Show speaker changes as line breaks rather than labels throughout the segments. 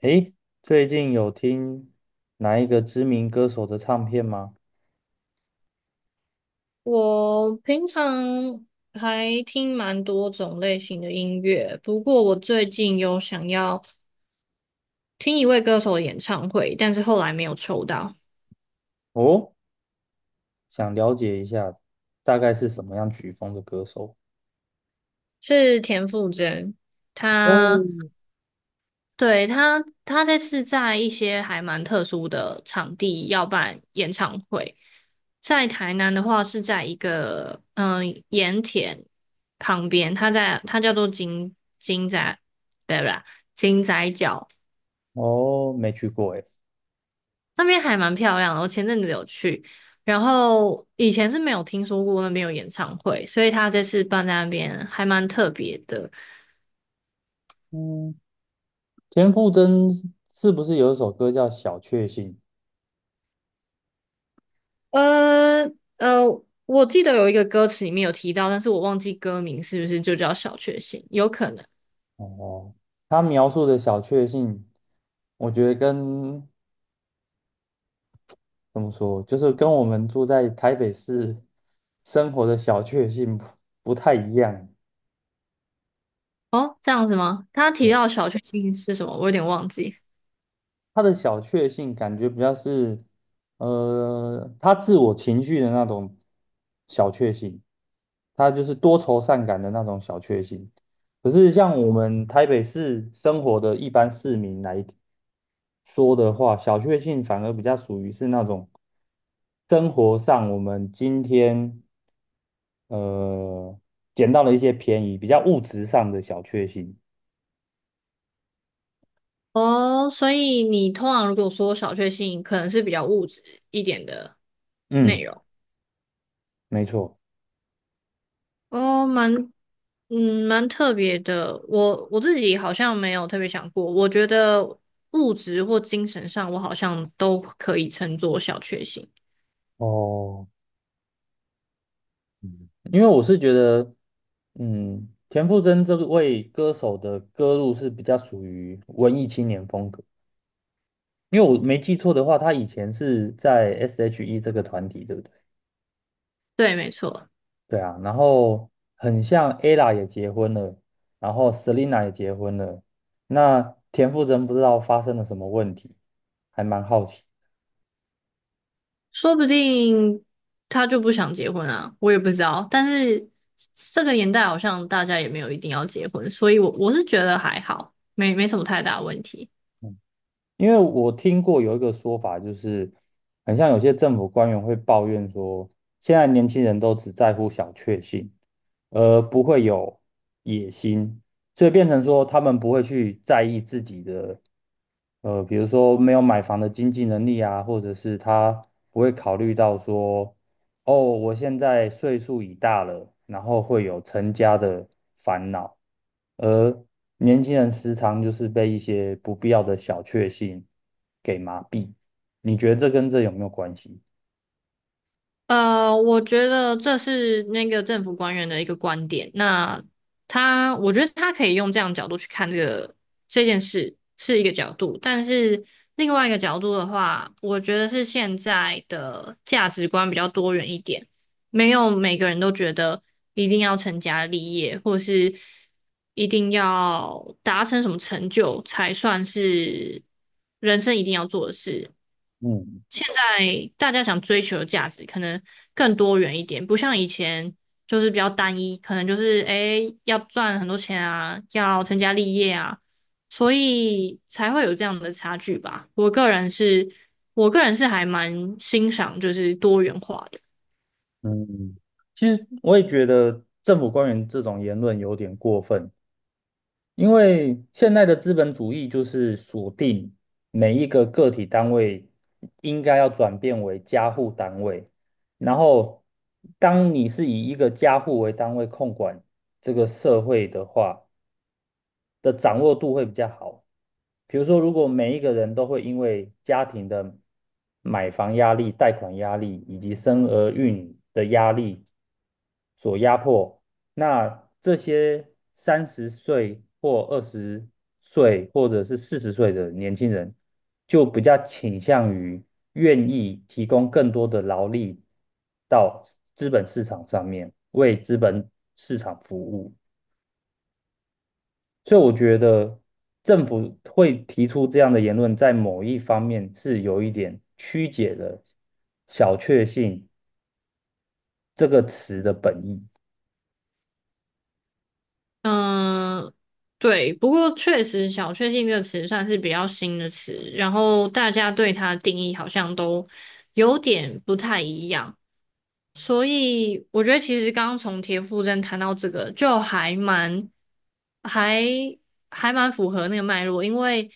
诶，最近有听哪一个知名歌手的唱片吗？
我平常还听蛮多种类型的音乐，不过我最近有想要听一位歌手的演唱会，但是后来没有抽到，
哦，想了解一下，大概是什么样曲风的歌手？
是田馥甄。
哦，
他对他他这次在一些还蛮特殊的场地要办演唱会，在台南的话是在一个盐田旁边，她叫做金仔，对不对？金仔角。
哦，没去过诶。
那边还蛮漂亮的，我前阵子有去，然后以前是没有听说过那边有演唱会，所以他这次办在那边还蛮特别的。
嗯，田馥甄是不是有一首歌叫《小确幸》？
呃呃，我记得有一个歌词里面有提到，但是我忘记歌名是不是就叫小确幸，有可能。
哦，他描述的小确幸，我觉得跟怎么说，就是跟我们住在台北市生活的小确幸不太一样。
哦，这样子吗？他提到小确幸是什么，我有点忘记。
他的小确幸感觉比较是，他自我情绪的那种小确幸，他就是多愁善感的那种小确幸。可是像我们台北市生活的一般市民来说的话，小确幸反而比较属于是那种生活上我们今天呃捡到了一些便宜，比较物质上的小确幸。
哦，所以你通常如果说小确幸，可能是比较物质一点的内
嗯，
容。
没错。
哦，蛮，嗯，蛮特别的。我自己好像没有特别想过，我觉得物质或精神上，我好像都可以称作小确幸。
哦。嗯，因为我是觉得，嗯，田馥甄这位歌手的歌路是比较属于文艺青年风格。因为我没记错的话，他以前是在 S.H.E 这个团体，对不对？
对，没错，
对啊，然后很像 ella 也结婚了，然后 Selina 也结婚了，那田馥甄不知道发生了什么问题，还蛮好奇。
说不定他就不想结婚啊，我也不知道。但是这个年代好像大家也没有一定要结婚，所以我是觉得还好，没什么太大问题。
因为我听过有一个说法，就是很像有些政府官员会抱怨说，现在年轻人都只在乎小确幸，而不会有野心，所以变成说他们不会去在意自己的，比如说没有买房的经济能力啊，或者是他不会考虑到说，哦，我现在岁数已大了，然后会有成家的烦恼，而年轻人时常就是被一些不必要的小确幸给麻痹。你觉得这跟这有没有关系？
呃，我觉得这是那个政府官员的一个观点。那他，我觉得他可以用这样的角度去看这件事是一个角度，但是另外一个角度的话，我觉得是现在的价值观比较多元一点，没有每个人都觉得一定要成家立业，或是一定要达成什么成就才算是人生一定要做的事。
嗯
现在大家想追求的价值可能更多元一点，不像以前就是比较单一，可能就是诶要赚很多钱啊，要成家立业啊，所以才会有这样的差距吧。我个人是，我个人是还蛮欣赏就是多元化的，
嗯，其实我也觉得政府官员这种言论有点过分，因为现在的资本主义就是锁定每一个个体单位应该要转变为家户单位，然后当你是以一个家户为单位控管这个社会的话，的掌握度会比较好。比如说，如果每一个人都会因为家庭的买房压力、贷款压力以及生儿育女的压力所压迫，那这些30岁或20岁或者是40岁的年轻人，就比较倾向于愿意提供更多的劳力到资本市场上面，为资本市场服务。所以我觉得政府会提出这样的言论，在某一方面是有一点曲解了"小确幸"这个词的本意。
嗯、对，不过确实“小确幸”这个词算是比较新的词，然后大家对它的定义好像都有点不太一样。所以我觉得其实刚刚从田馥甄谈到这个，就还蛮还还蛮符合那个脉络，因为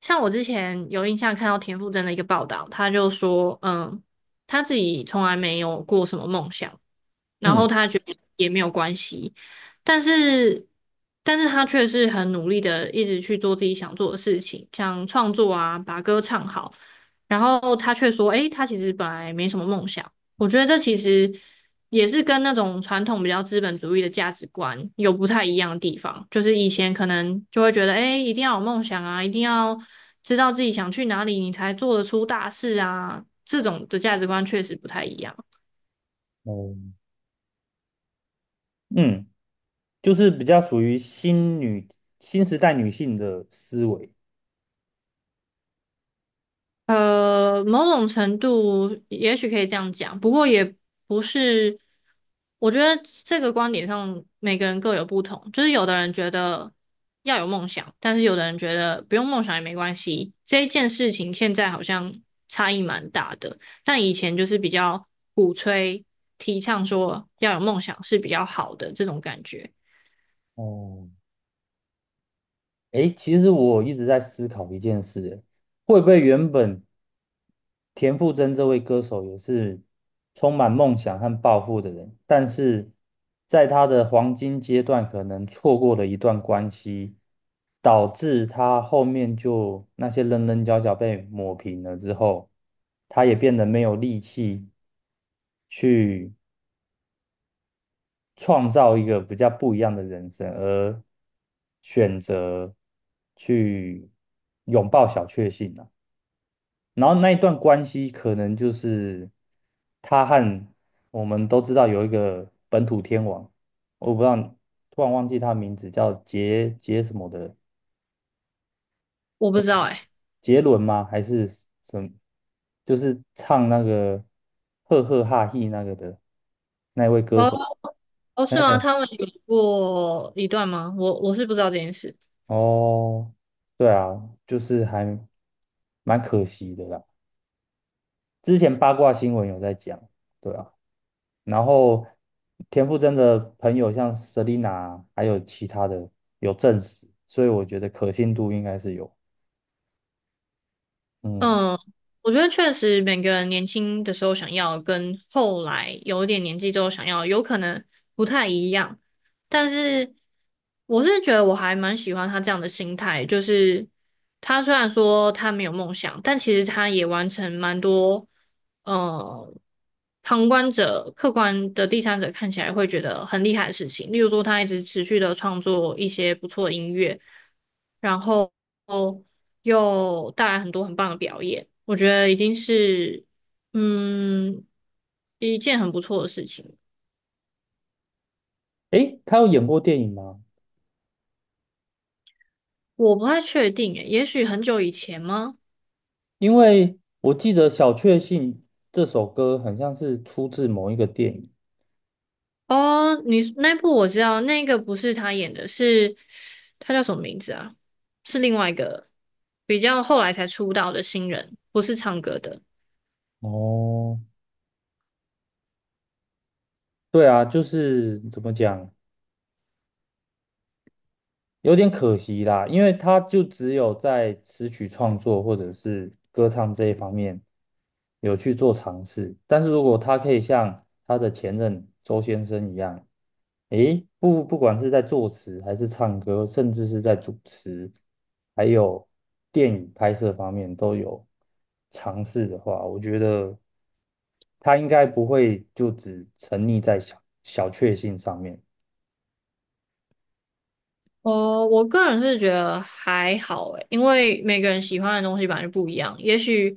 像我之前有印象看到田馥甄的一个报道，他就说，嗯，他自己从来没有过什么梦想，然后
嗯
他觉得也没有关系，但是但是他却是很努力的一直去做自己想做的事情，像创作啊，把歌唱好，然后他却说，诶，他其实本来没什么梦想。我觉得这其实也是跟那种传统比较资本主义的价值观有不太一样的地方。就是以前可能就会觉得，哎，一定要有梦想啊，一定要知道自己想去哪里，你才做得出大事啊。这种的价值观确实不太一样。
哦，嗯，就是比较属于新时代女性的思维。
呃，某种程度也许可以这样讲，不过也不是。我觉得这个观点上，每个人各有不同。就是有的人觉得要有梦想，但是有的人觉得不用梦想也没关系。这一件事情现在好像差异蛮大的，但以前就是比较鼓吹、提倡说要有梦想是比较好的这种感觉。
哦，诶，其实我一直在思考一件事，诶会不会原本田馥甄这位歌手也是充满梦想和抱负的人，但是在他的黄金阶段，可能错过了一段关系，导致他后面就那些棱棱角角被抹平了之后，他也变得没有力气去创造一个比较不一样的人生，而选择去拥抱小确幸啊。然后那一段关系可能就是他和我们都知道有一个本土天王，我不知道，突然忘记他名字叫杰杰什么的，
我不知道哎、
杰伦吗？还是什么就是唱那个赫赫哈嘿那个的那一位歌
哦
手。
哦，是吗？他们有过一段吗？我是不知道这件事。
哦，对啊，就是还蛮可惜的啦。之前八卦新闻有在讲，对啊，然后田馥甄的朋友像 Selina 还有其他的有证实，所以我觉得可信度应该是有。嗯，
嗯，我觉得确实每个人年轻的时候想要跟后来有一点年纪之后想要有可能不太一样，但是我是觉得我还蛮喜欢他这样的心态，就是他虽然说他没有梦想，但其实他也完成蛮多，呃，旁观者、客观的第三者看起来会觉得很厉害的事情，例如说他一直持续的创作一些不错的音乐，然后。又带来很多很棒的表演，我觉得已经是嗯一件很不错的事情。
诶，他有演过电影吗？
我不太确定诶，也许很久以前吗？
因为我记得《小确幸》这首歌很像是出自某一个电影。
哦，你那部我知道，那个不是他演的是，他叫什么名字啊？是另外一个比较后来才出道的新人，不是唱歌的。
哦，对啊，就是怎么讲？有点可惜啦，因为他就只有在词曲创作或者是歌唱这一方面有去做尝试，但是如果他可以像他的前任周先生一样，诶，不管是在作词还是唱歌，甚至是在主持，还有电影拍摄方面都有尝试的话，我觉得他应该不会就只沉溺在小确幸上面。
哦，我个人是觉得还好诶，因为每个人喜欢的东西本来就不一样。也许，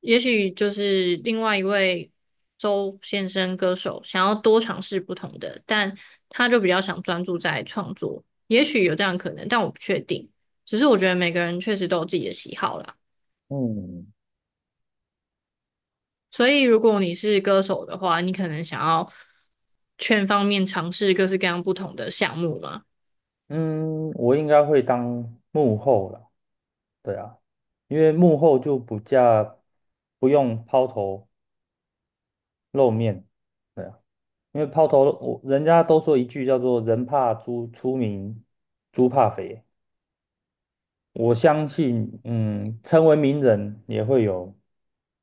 也许就是另外一位周先生歌手想要多尝试不同的，但他就比较想专注在创作。也许有这样的可能，但我不确定。只是我觉得每个人确实都有自己的喜好啦。
嗯，
所以，如果你是歌手的话，你可能想要全方面尝试各式各样不同的项目嘛。
嗯，我应该会当幕后了，对啊，因为幕后就不用抛头露面，对啊，因为抛头露我人家都说一句叫做"人怕猪出名，猪怕肥"，我相信，嗯，成为名人也会有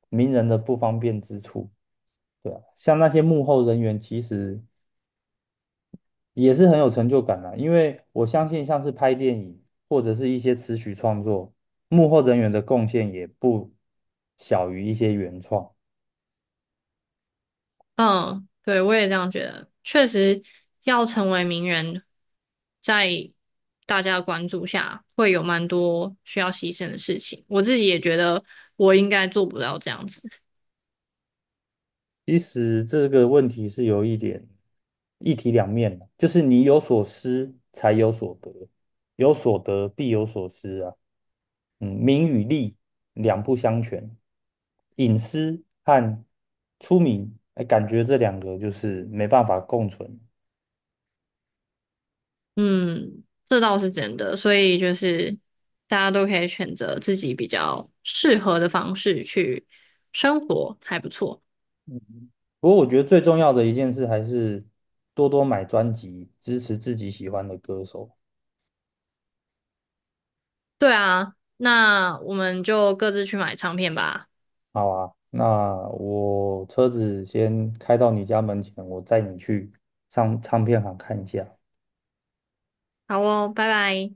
名人的不方便之处，对啊，像那些幕后人员，其实也是很有成就感啦，因为我相信像是拍电影或者是一些词曲创作，幕后人员的贡献也不小于一些原创。
嗯，对，我也这样觉得。确实，要成为名人，在大家的关注下，会有蛮多需要牺牲的事情。我自己也觉得，我应该做不到这样子。
其实这个问题是有一点一体两面的，就是你有所失才有所得，有所得必有所失啊。嗯，名与利两不相全，隐私和出名，哎，感觉这两个就是没办法共存。
嗯，这倒是真的。所以就是，大家都可以选择自己比较适合的方式去生活，还不错。
不过我觉得最重要的一件事还是多多买专辑，支持自己喜欢的歌手。
对啊，那我们就各自去买唱片吧。
好吧？那我车子先开到你家门前，我载你去唱唱片行看一下。
好哦，拜拜。